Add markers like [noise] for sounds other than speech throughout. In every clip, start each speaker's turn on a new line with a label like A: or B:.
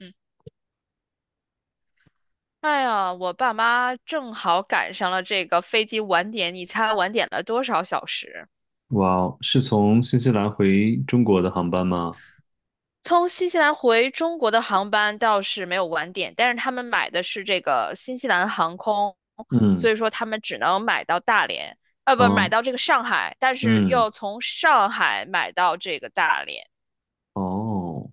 A: 嗯，哎呀，我爸妈正好赶上了这个飞机晚点，你猜晚点了多少小时？
B: 哇哦，是从新西兰回中国的航班吗？
A: 从新西兰回中国的航班倒是没有晚点，但是他们买的是这个新西兰航空，
B: 嗯，
A: 所以说他们只能买到大连，啊，不，买
B: 哦，
A: 到这个上海，但是
B: 嗯，
A: 又从上海买到这个大连。
B: 哦，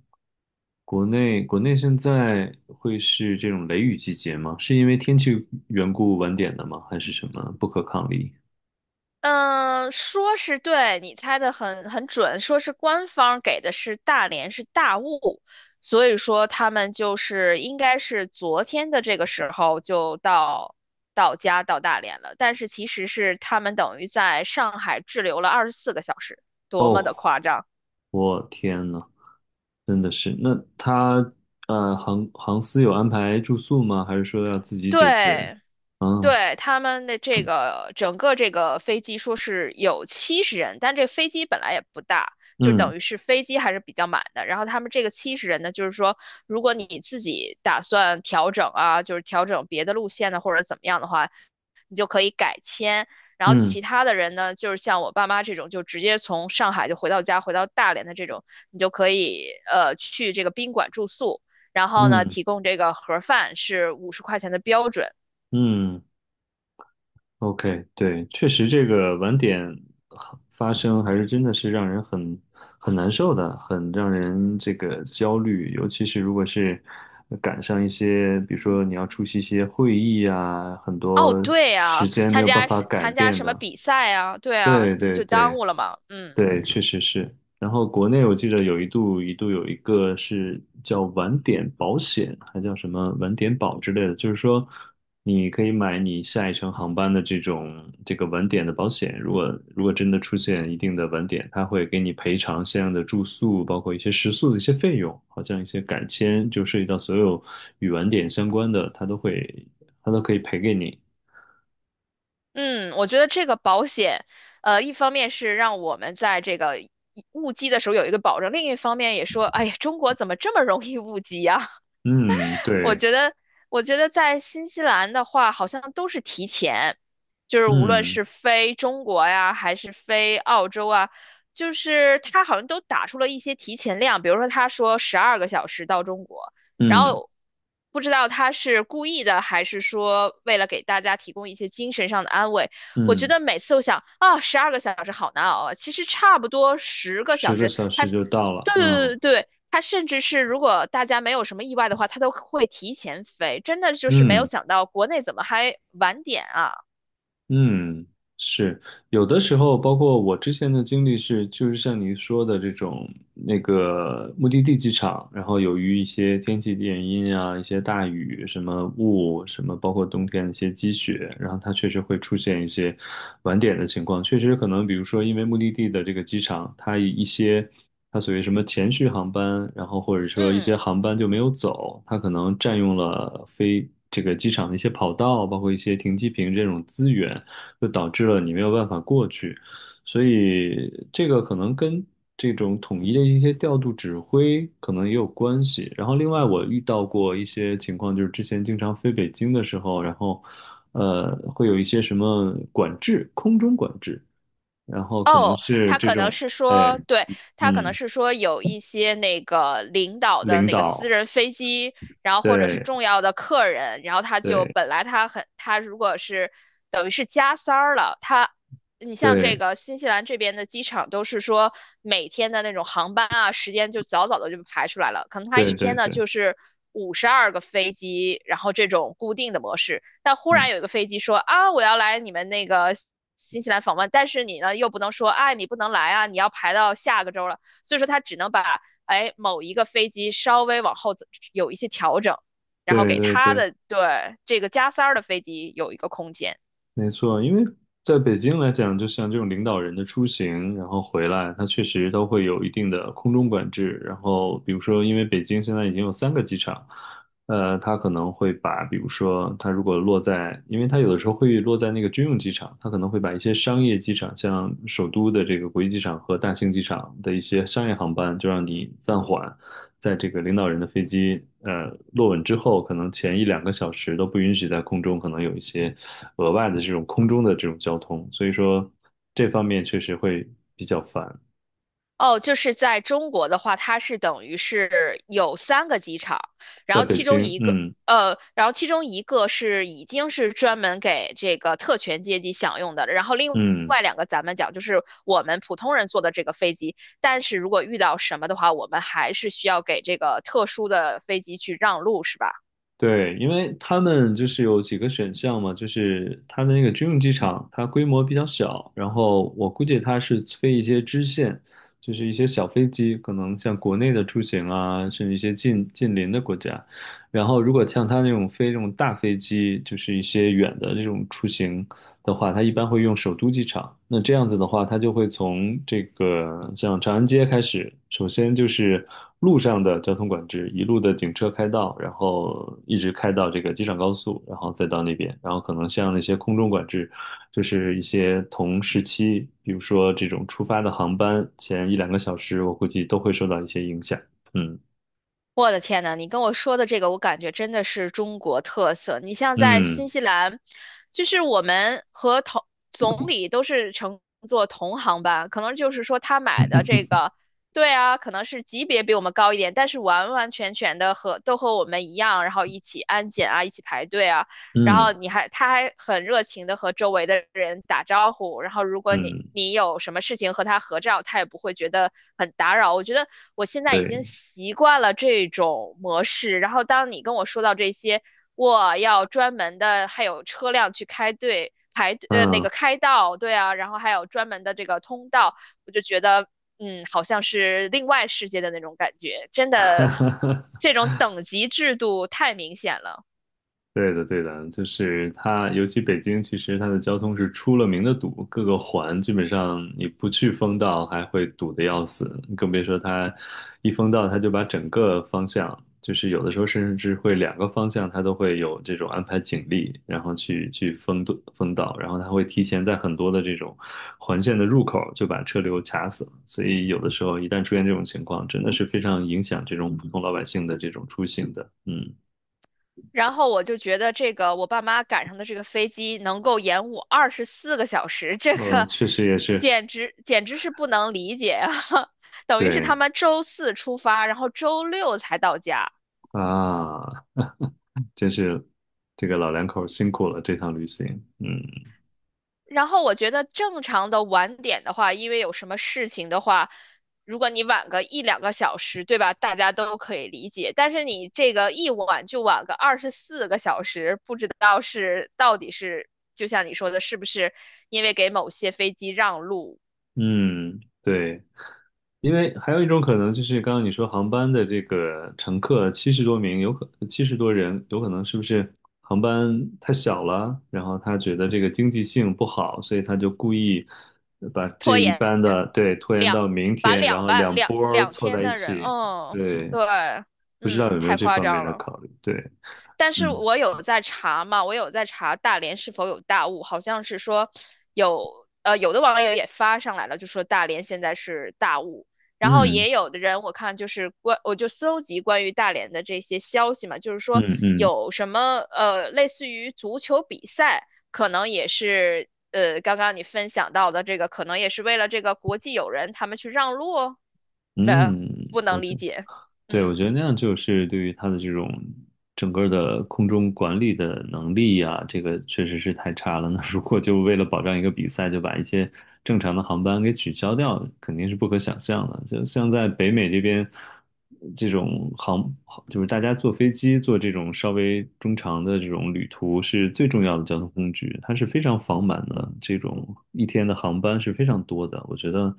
B: 国内现在会是这种雷雨季节吗？是因为天气缘故晚点的吗？还是什么不可抗力？
A: 嗯，说是对，你猜的很准，说是官方给的是大连是大雾，所以说他们就是应该是昨天的这个时候就到家到大连了，但是其实是他们等于在上海滞留了二十四个小时，多么
B: 哦，
A: 的夸张！
B: 我天呐，真的是。那他航司有安排住宿吗？还是说要自己解决？
A: 对，
B: 啊，
A: 对，他们的这个整个这个飞机说是有七十人，但这飞机本来也不大，就
B: 嗯
A: 等于是飞机还是比较满的。然后他们这个七十人呢，就是说，如果你自己打算调整啊，就是调整别的路线呢，或者怎么样的话，你就可以改签。然后
B: 嗯
A: 其他的人呢，就是像我爸妈这种，就直接从上海就回到家，回到大连的这种，你就可以去这个宾馆住宿。然后呢，
B: 嗯
A: 提供这个盒饭是50块钱的标准，
B: 嗯 OK，对，确实这个晚点发生还是真的是让人很难受的，很让人这个焦虑，尤其是如果是赶上一些，比如说你要出席一些会议啊，很
A: 哦，
B: 多
A: 对
B: 时
A: 啊，
B: 间没
A: 参
B: 有办
A: 加
B: 法改
A: 参加
B: 变
A: 什么
B: 的。
A: 比赛啊？对啊，
B: 对
A: 你不
B: 对
A: 就耽
B: 对，
A: 误了吗？嗯。
B: 对，确实是。然后国内我记得有一度有一个是叫晚点保险，还叫什么晚点保之类的，就是说你可以买你下一程航班的这种这个晚点的保险，如果真的出现一定的晚点，他会给你赔偿相应的住宿，包括一些食宿的一些费用，好像一些改签，就涉及到所有与晚点相关的，他都可以赔给你。
A: 嗯，我觉得这个保险，一方面是让我们在这个误机的时候有一个保证，另一方面也说，哎呀，中国怎么这么容易误机啊。
B: 嗯，
A: 我
B: 对，
A: 觉得，我觉得在新西兰的话，好像都是提前，就是无论
B: 嗯
A: 是飞中国呀，还是飞澳洲啊，就是他好像都打出了一些提前量，比如说他说十二个小时到中国，然
B: 嗯
A: 后不知道他是故意的，还是说为了给大家提供一些精神上的安慰。我觉
B: 嗯。
A: 得每次都想啊，十二个小时好难熬啊，其实差不多十个
B: 十
A: 小
B: 个
A: 时，
B: 小
A: 他
B: 时
A: 对
B: 就到了，嗯
A: 对对对，它甚至是如果大家没有什么意外的话，它都会提前飞。真的就是没有
B: 嗯。
A: 想到国内怎么还晚点啊？
B: 嗯，是有的时候，包括我之前的经历是，就是像您说的这种那个目的地机场，然后由于一些天气原因啊，一些大雨、什么雾、什么，包括冬天的一些积雪，然后它确实会出现一些晚点的情况。确实可能，比如说因为目的地的这个机场，它一些它所谓什么前续航班，然后或者说一些
A: 嗯。
B: 航班就没有走，它可能占用了飞这个机场的一些跑道，包括一些停机坪这种资源。就导致了你没有办法过去。所以这个可能跟这种统一的一些调度指挥可能也有关系。然后另外我遇到过一些情况，就是之前经常飞北京的时候，然后会有一些什么管制，空中管制，然后可能
A: 哦，
B: 是
A: 他
B: 这
A: 可能
B: 种
A: 是
B: 哎
A: 说，对，他可能
B: 嗯
A: 是说有一些那个领导的
B: 领
A: 那个私
B: 导，
A: 人飞机，然后或者是
B: 对
A: 重要的客人，然后他就
B: 对
A: 本来他很他如果是等于是加塞儿了，他你像这
B: 对
A: 个新西兰这边的机场都是说每天的那种航班啊时间就早早的就排出来了，可能他一
B: 对对
A: 天呢
B: 对，
A: 就是52个飞机，然后这种固定的模式，但忽
B: 嗯
A: 然有一个飞机说啊我要来你们那个。新西兰访问，但是你呢又不能说，哎，你不能来啊，你要排到下个周了，所以说他只能把哎某一个飞机稍微往后走有一些调整，然后
B: 对
A: 给
B: 对
A: 他
B: 对。
A: 的对这个加塞儿的飞机有一个空间。
B: 没错，因为在北京来讲，就像这种领导人的出行，然后回来，它确实都会有一定的空中管制。然后，比如说，因为北京现在已经有三个机场，呃，它可能会把，比如说，它如果落在，因为它有的时候会落在那个军用机场，它可能会把一些商业机场，像首都的这个国际机场和大兴机场的一些商业航班，就让你暂缓。在这个领导人的飞机落稳之后，可能前一两个小时都不允许在空中可能有一些额外的这种空中的这种交通，所以说这方面确实会比较烦。
A: 哦，就是在中国的话，它是等于是有3个机场，然
B: 在
A: 后
B: 北
A: 其中
B: 京，
A: 一个，
B: 嗯
A: 然后其中一个是已经是专门给这个特权阶级享用的了，然后另
B: 嗯，
A: 外两个咱们讲就是我们普通人坐的这个飞机，但是如果遇到什么的话，我们还是需要给这个特殊的飞机去让路，是吧？
B: 对，因为他们就是有几个选项嘛，就是它的那个军用机场，它规模比较小，然后我估计它是飞一些支线，就是一些小飞机，可能像国内的出行啊，甚至一些近邻的国家。然后，如果像它那种飞这种大飞机，就是一些远的这种出行，的话，它一般会用首都机场。那这样子的话，它就会从这个像长安街开始，首先就是路上的交通管制，一路的警车开道，然后一直开到这个机场高速，然后再到那边，然后可能像那些空中管制，就是一些同时期，比如说这种出发的航班前一两个小时，我估计都会受到一些影响。嗯
A: 我的天呐，你跟我说的这个，我感觉真的是中国特色。你像在
B: 嗯
A: 新西兰，就是我们和同总理都是乘坐同航班，可能就是说他买的这个，对啊，可能是级别比我们高一点，但是完完全全的和都和我们一样，然后一起安检啊，一起排队啊，然后
B: 嗯
A: 你还他还很热情的和周围的人打招呼，然后如果你
B: 嗯，
A: 你有什么事情和他合照，他也不会觉得很打扰。我觉得我现在已经
B: 对，
A: 习惯了这种模式，然后当你跟我说到这些，我要专门的还有车辆去开队排那
B: 嗯。
A: 个开道，对啊，然后还有专门的这个通道，我就觉得嗯好像是另外世界的那种感觉，真的这种等级制度太明显了。
B: 对的，对的，就是它，尤其北京，其实它的交通是出了名的堵，各个环基本上你不去封道，还会堵得要死，更别说它一封道，它就把整个方向，就是有的时候甚至会两个方向，它都会有这种安排警力，然后去封堵封道，然后它会提前在很多的这种环线的入口就把车流卡死了，所以有的时候一旦出现这种情况，真的是非常影响这种普通老百姓的这种出行的，嗯。
A: 然后我就觉得这个我爸妈赶上的这个飞机能够延误二十四个小时，这
B: 嗯，
A: 个
B: 确实也是。
A: 简直是不能理解啊！[laughs] 等于是他
B: 对
A: 们周四出发，然后周六才到家。
B: 啊，真是这个老两口辛苦了这趟旅行。嗯
A: 然后我觉得正常的晚点的话，因为有什么事情的话，如果你晚个一两个小时，对吧？大家都可以理解。但是你这个一晚就晚个二十四个小时，不知道是到底是就像你说的，是不是因为给某些飞机让路，
B: 嗯，对，因为还有一种可能就是刚刚你说航班的这个乘客70多名，70多人，有可能是不是航班太小了，然后他觉得这个经济性不好，所以他就故意把这
A: 拖
B: 一
A: 延
B: 班的对拖延到
A: 两
B: 明
A: 把
B: 天，然
A: 两
B: 后
A: 半
B: 两
A: 两
B: 波儿
A: 两
B: 凑
A: 天
B: 在一
A: 的人，
B: 起。
A: 嗯，
B: 对，
A: 对，
B: 不知道
A: 嗯，
B: 有没有
A: 太
B: 这
A: 夸
B: 方面
A: 张
B: 的
A: 了。
B: 考虑？对，
A: 但
B: 嗯
A: 是我有在查嘛，我有在查大连是否有大雾，好像是说有，有的网友也发上来了，就说大连现在是大雾，然后
B: 嗯
A: 也有的人我看就是关，我就搜集关于大连的这些消息嘛，就是说
B: 嗯嗯。
A: 有什么类似于足球比赛，可能也是刚刚你分享到的这个，可能也是为了这个国际友人他们去让路哦。呃，
B: 嗯，
A: 不
B: 我
A: 能理
B: 觉
A: 解，
B: 对，我
A: 嗯。
B: 觉得那样就是对于他的这种整个的空中管理的能力呀、这个确实是太差了。那如果就为了保障一个比赛，就把一些正常的航班给取消掉，肯定是不可想象的。就像在北美这边，这种航就是大家坐飞机坐这种稍微中长的这种旅途是最重要的交通工具，它是非常繁满的，这种一天的航班是非常多的。我觉得，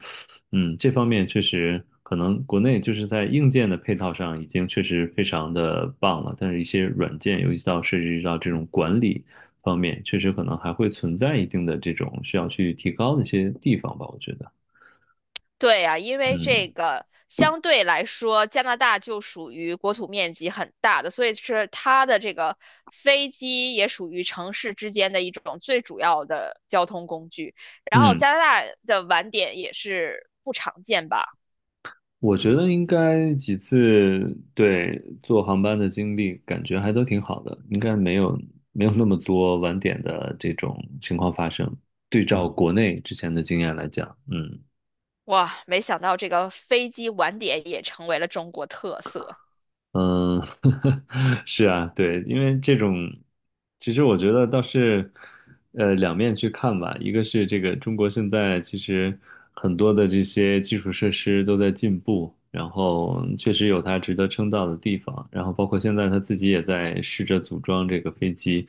B: 嗯，这方面确实可能国内就是在硬件的配套上已经确实非常的棒了，但是一些软件，尤其到涉及到这种管理方面，确实可能还会存在一定的这种需要去提高的一些地方吧，我觉得，
A: 对呀，因为
B: 嗯。
A: 这个相对来说，加拿大就属于国土面积很大的，所以是它的这个飞机也属于城市之间的一种最主要的交通工具。然后
B: 嗯，
A: 加拿大的晚点也是不常见吧？
B: 我觉得应该几次对坐航班的经历，感觉还都挺好的，应该没有那么多晚点的这种情况发生。对照国内之前的经验来讲，嗯
A: 哇，没想到这个飞机晚点也成为了中国特色，
B: 嗯，[laughs] 是啊，对，因为这种，其实我觉得倒是，两面去看吧。一个是这个中国现在其实很多的这些基础设施都在进步，然后确实有它值得称道的地方。然后包括现在他自己也在试着组装这个飞机，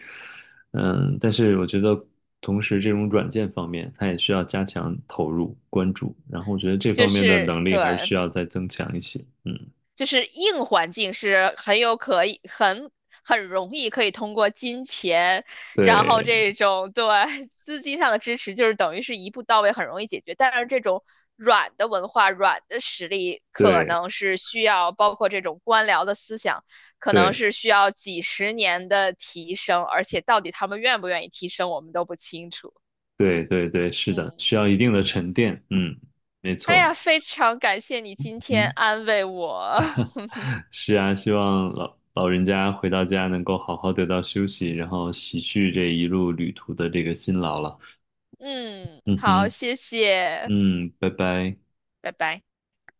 B: 嗯，但是我觉得同时这种软件方面，它也需要加强投入关注。然后我觉得这
A: 就
B: 方面的
A: 是
B: 能力
A: 对。
B: 还是需要再增强一些。嗯，
A: 就是硬环境是很有可以很容易可以通过金钱，然后
B: 对
A: 这种对 [laughs] 资金上的支持，就是等于是一步到位，很容易解决。但是这种软的文化、软的实力，可
B: 对。
A: 能是需要包括这种官僚的思想，可能
B: 对
A: 是需要几十年的提升，而且到底他们愿不愿意提升，我们都不清楚。
B: 对对对，是的，
A: 嗯，
B: 需要一定的沉淀。嗯，没
A: 哎
B: 错。
A: 呀，非常感谢你今天
B: 嗯，
A: 安慰我。[laughs]
B: 是啊，希望老人家回到家能够好好得到休息，然后洗去这一路旅途的这个辛劳了。
A: 嗯，
B: 嗯
A: 好，
B: 哼，
A: 谢谢。
B: 嗯，拜拜。
A: 拜拜